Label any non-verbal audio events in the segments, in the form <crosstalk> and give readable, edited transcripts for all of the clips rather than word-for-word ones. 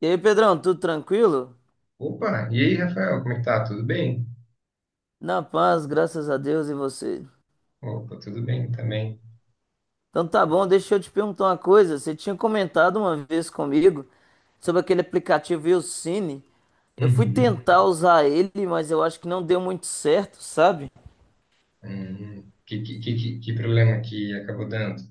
E aí, Pedrão, tudo tranquilo? Opa, e aí, Rafael, como é que tá? Tudo bem? Na paz, graças a Deus e você. Opa, tudo bem também. Então tá bom, deixa eu te perguntar uma coisa. Você tinha comentado uma vez comigo sobre aquele aplicativo Willcine. Eu fui Uhum. tentar usar ele, mas eu acho que não deu muito certo, sabe? Que problema que acabou dando?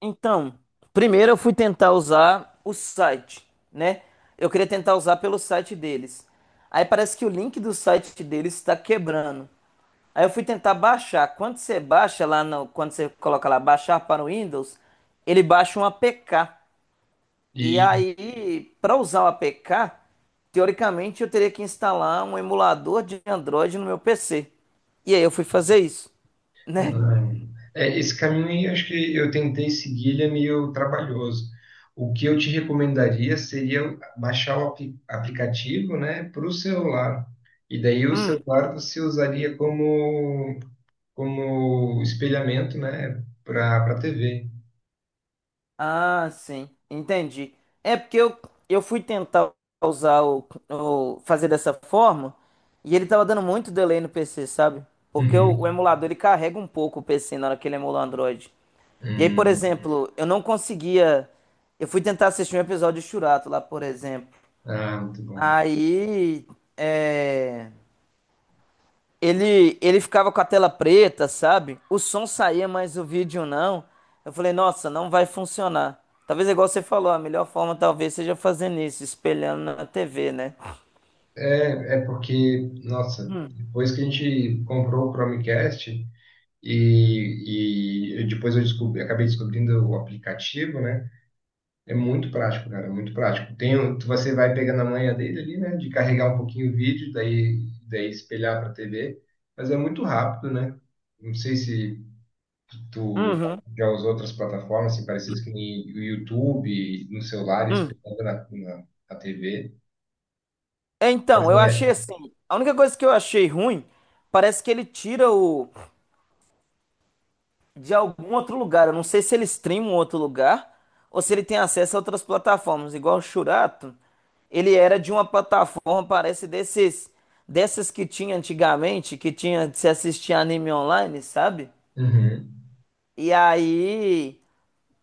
Então, primeiro eu fui tentar usar o site, né? Eu queria tentar usar pelo site deles. Aí parece que o link do site deles está quebrando. Aí eu fui tentar baixar. Quando você baixa lá no, quando você coloca lá baixar para o Windows, ele baixa um APK. E E aí, para usar o APK, teoricamente eu teria que instalar um emulador de Android no meu PC. E aí eu fui fazer isso, né? não. É, esse caminho aí, acho que eu tentei seguir, ele é meio trabalhoso. O que eu te recomendaria seria baixar o aplicativo, né, para o celular. E daí o celular você usaria como espelhamento, né, para a TV. Ah, sim, entendi. É porque eu fui tentar usar o- fazer dessa forma e ele tava dando muito delay no PC, sabe? Porque Uhum. o emulador ele carrega um pouco o PC na hora que ele emula o Android. E aí, por Hum. exemplo, eu não conseguia. Eu fui tentar assistir um episódio de Churato lá, por exemplo. Ah, muito bom. Aí. É. Ele ficava com a tela preta, sabe? O som saía, mas o vídeo não. Eu falei, nossa, não vai funcionar. Talvez é igual você falou, a melhor forma talvez seja fazendo isso, espelhando na TV, né? É porque, nossa, depois que a gente comprou o Chromecast e depois eu descobri, acabei descobrindo o aplicativo, né? É muito prático, cara, é muito prático. Tem, você vai pegando a manha dele ali, né? De carregar um pouquinho o vídeo, daí espelhar para a TV, mas é muito rápido, né? Não sei se tu Uhum. já usou outras plataformas assim, parecidas que nem o YouTube, no celular, Hum. espelhando na TV. É, Mas então, eu é. achei assim, a única coisa que eu achei ruim, parece que ele tira o, de algum outro lugar. Eu não sei se ele streama um outro lugar ou se ele tem acesso a outras plataformas. Igual o Shurato, ele era de uma plataforma, parece desses, dessas que tinha antigamente, que tinha de se assistir anime online, sabe? Uhum. E aí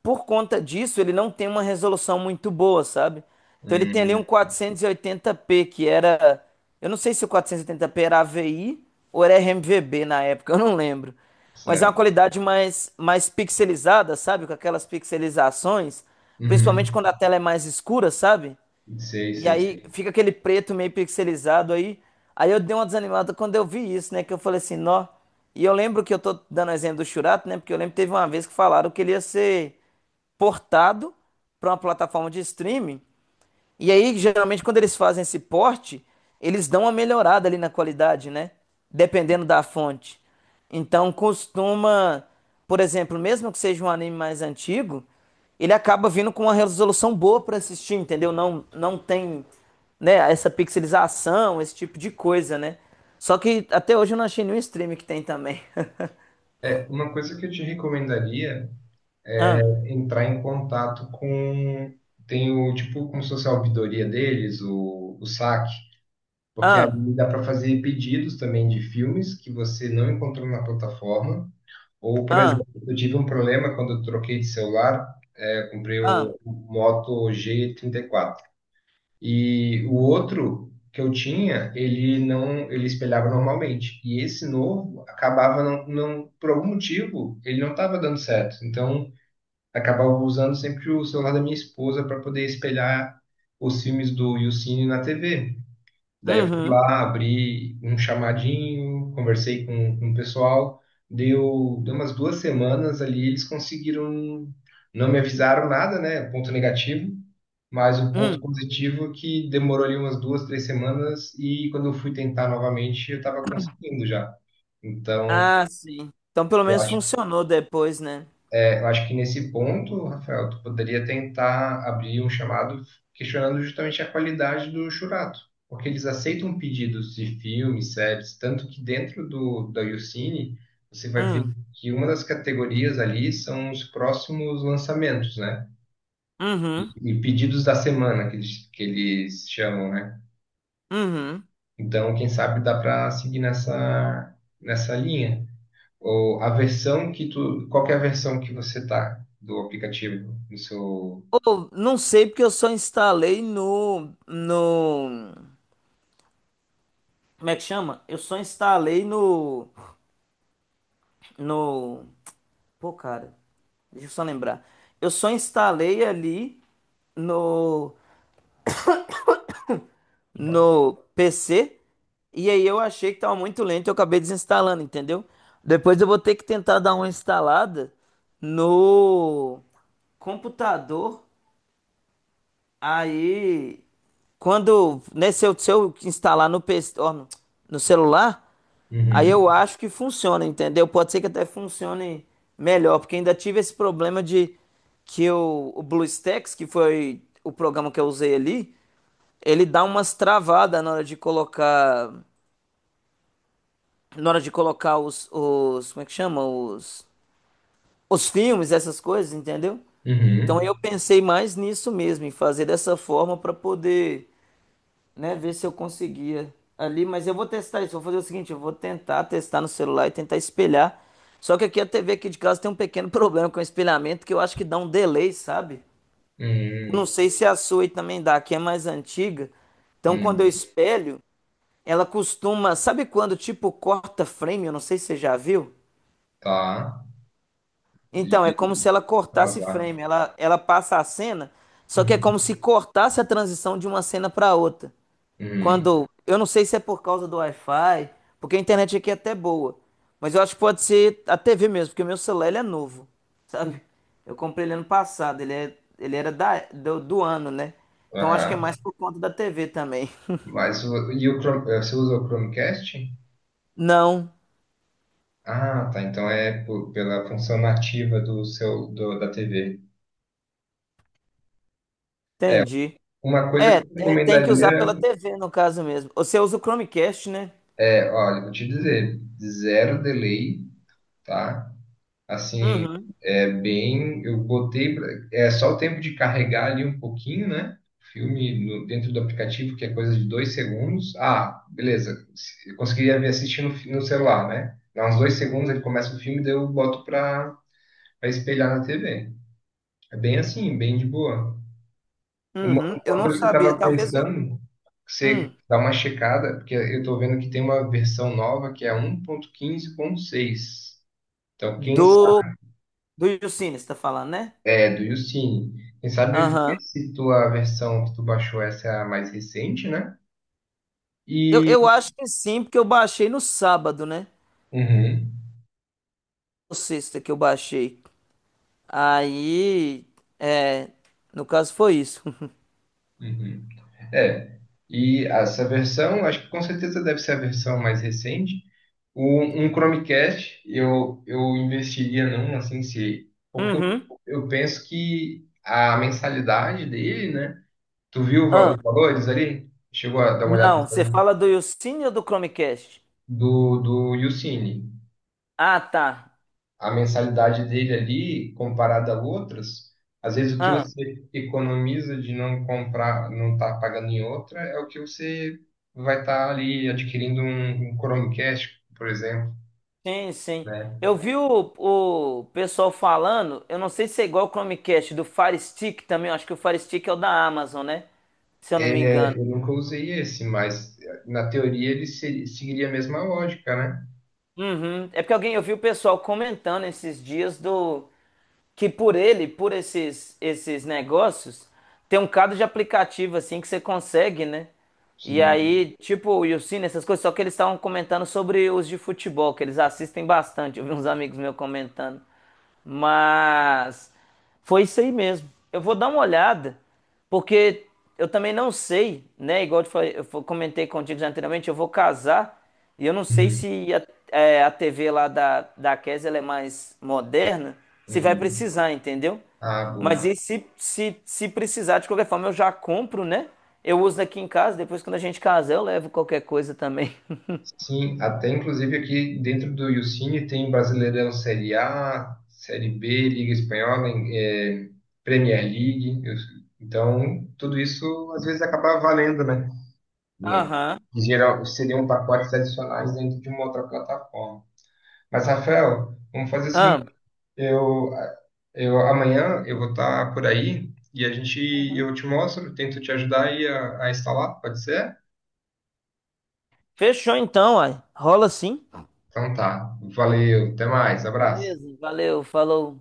por conta disso, ele não tem uma resolução muito boa, sabe? Então ele tem ali Hum, um 480p, que era. Eu não sei se o 480p era AVI ou era RMVB na época, <laughs> eu não lembro. Mas é uma certo. qualidade mais, mais pixelizada, sabe? Com aquelas pixelizações, principalmente Uhum. quando a tela é mais escura, sabe? Sei, E sei, sei. aí fica aquele preto meio pixelizado aí. Aí eu dei uma desanimada quando eu vi isso, né? Que eu falei assim, nó. E eu lembro que eu tô dando exemplo do Shurato, né? Porque eu lembro que teve uma vez que falaram que ele ia ser portado para uma plataforma de streaming. E aí, geralmente, quando eles fazem esse porte, eles dão uma melhorada ali na qualidade, né? Dependendo da fonte. Então, costuma, por exemplo, mesmo que seja um anime mais antigo, ele acaba vindo com uma resolução boa pra assistir, entendeu? Não tem, né, essa pixelização, esse tipo de coisa, né? Só que até hoje eu não achei nenhum stream que tem também. <laughs> Uma coisa que eu te recomendaria é Ah, entrar em contato com. Tem o tipo, como se fosse a ouvidoria deles, o SAC, porque ah, ali dá para fazer pedidos também de filmes que você não encontrou na plataforma. Ou, por ah, exemplo, eu tive um problema quando eu troquei de celular, eu comprei ah. o Moto G 34. E o outro que eu tinha, ele não, ele espelhava normalmente. E esse novo acabava não, por algum motivo, ele não estava dando certo. Então, acabava usando sempre o celular da minha esposa para poder espelhar os filmes do Yucine na TV. Daí eu fui Uhum, lá, abri um chamadinho, conversei com o pessoal. Deu umas 2 semanas ali, eles conseguiram. Não me avisaram nada, né? Um ponto negativo. Mas o ponto hum. positivo é que demorou ali umas 2, 3 semanas. E quando eu fui tentar novamente, eu estava conseguindo já. Então, Ah, sim. Então pelo eu menos acho funcionou depois, né? Eu acho que nesse ponto, Rafael, tu poderia tentar abrir um chamado questionando justamente a qualidade do Churato, porque eles aceitam pedidos de filmes, séries, tanto que dentro do da YouCine você vai ver Hum. que uma das categorias ali são os próximos lançamentos, né? E, Uhum, e pedidos da semana que eles chamam, né? uhum. Então, quem sabe dá para seguir nessa linha. Ou a versão que tu, qual que é a versão que você tá do aplicativo no seu. Ou, não sei porque eu só instalei no... Como é que chama? Eu só instalei no... No... Pô, cara, deixa eu só lembrar. Eu só instalei ali no... Opa. No PC e aí eu achei que tava muito lento e eu acabei desinstalando, entendeu? Depois eu vou ter que tentar dar uma instalada no computador. Aí, quando, né, se eu instalar no PC, ó, no celular, aí Uhum, eu acho que funciona, entendeu? Pode ser que até funcione melhor, porque ainda tive esse problema de que o BlueStacks, que foi o programa que eu usei ali, ele dá umas travadas na hora de colocar, na hora de colocar como é que chama? Os filmes, essas coisas, entendeu? Então uhum, eu pensei mais nisso mesmo, em fazer dessa forma para poder né? Ver se eu conseguia ali, mas eu vou testar isso. Vou fazer o seguinte, eu vou tentar testar no celular e tentar espelhar. Só que aqui a TV aqui de casa tem um pequeno <laughs> problema com o espelhamento que eu acho que dá um delay, sabe? Eu não uhum, sei se a sua aí também dá, que é mais antiga. Então quando eu uhum, espelho, ela costuma, sabe quando tipo corta frame? Eu não sei se você já viu. tá. De Então, é de como se ela cortasse atrasar. frame, ela passa a cena, só que é como Uhum, se cortasse a transição de uma cena para outra. uhum, Quando, eu não sei se é por causa do Wi-Fi, porque a internet aqui é até boa, mas eu acho que pode ser a TV mesmo, porque o meu celular ele é novo, <laughs> sabe? Eu comprei ele ano passado, ele é, ele era da, do ano, né? Então acho que aham. é mais por conta da TV também. <laughs> Mas e o Chrome, você usa o Chromecast? Não, Ah, tá. Então é pela função nativa do da TV. entendi. Uma coisa que É, eu é, tem que usar recomendaria pela TV no caso mesmo. Você usa o Chromecast, né? é, olha, vou te dizer, zero delay, tá? Assim, Uhum, é bem. É só o tempo de carregar ali um pouquinho, né? O filme dentro do aplicativo, que é coisa de 2 segundos. Ah, beleza. Eu conseguiria me assistir no, no celular, né? Dá uns 2 segundos, ele começa o filme, daí eu boto para pra espelhar na TV. É bem assim, bem de boa. Uma, uhum. Eu uma não coisa que eu sabia, estava talvez o pensando, você hum, dá uma checada, porque eu estou vendo que tem uma versão nova que é 1.15.6. Então, quem do do Yucine, você tá falando, né? É, do YouCine. Quem sabe ver Aham. se tua versão que tu baixou essa é a mais recente, né? E. Eu acho que sim, porque eu baixei no sábado, né? Uhum, Ou sexta que eu baixei. Aí, é, no caso foi isso. <laughs> uhum. É. E essa versão, acho que com certeza deve ser a versão mais recente. Um Chromecast, eu investiria num, assim, se. Porque Uhum. eu penso que a mensalidade dele, né? Tu viu o Ah, os valores ali? Chegou a dar uma olhada no não, você valor? fala do Yucine ou do Chromecast? Do YouCine. Ah, tá. A mensalidade dele ali, comparada a outras, às vezes o que Ah, você economiza de não comprar, não estar pagando em outra, é o que você vai estar ali adquirindo um Chromecast, por exemplo, sim. né? Eu vi o pessoal falando, eu não sei se é igual o Chromecast, do Fire Stick também, eu acho que o Fire Stick é o da Amazon, né? Se eu não me engano. É, eu nunca usei esse, mas na teoria ele seguiria a mesma lógica, né? Uhum. É porque alguém, eu vi o pessoal comentando esses dias do que por ele, por esses negócios, tem um cado de aplicativo assim que você consegue, né? E Sim. aí, tipo, o Yusin, essas coisas, só que eles estavam comentando sobre os de futebol, que eles assistem bastante. Eu vi uns amigos meus comentando. Mas foi isso aí mesmo. Eu vou dar uma olhada, porque eu também não sei, né? Igual eu, te falei- eu fo- comentei contigo já anteriormente, eu vou casar e eu não sei Uhum. se a, é, a TV lá da, da Kes, ela é mais moderna, se vai Uhum. precisar, entendeu? Ah, Mas boa. e se precisar, de qualquer forma, eu já compro, né? Eu uso aqui em casa, depois quando a gente casar, eu levo qualquer coisa também. Sim, até inclusive aqui dentro do Yucine tem Brasileirão Série A, Série B, Liga Espanhola, Premier League. Então, tudo isso às vezes acaba valendo, né? <laughs> Hum. Aham. Em geral, seriam pacotes adicionais dentro de uma outra plataforma. Mas, Rafael, vamos fazer o seguinte, Ah, eu, eu vou estar por aí e a gente eu te mostro, tento te ajudar aí a instalar, pode ser? fechou então, ai. Rola sim. Então tá. Valeu, até mais, abraço. Beleza, valeu, falou.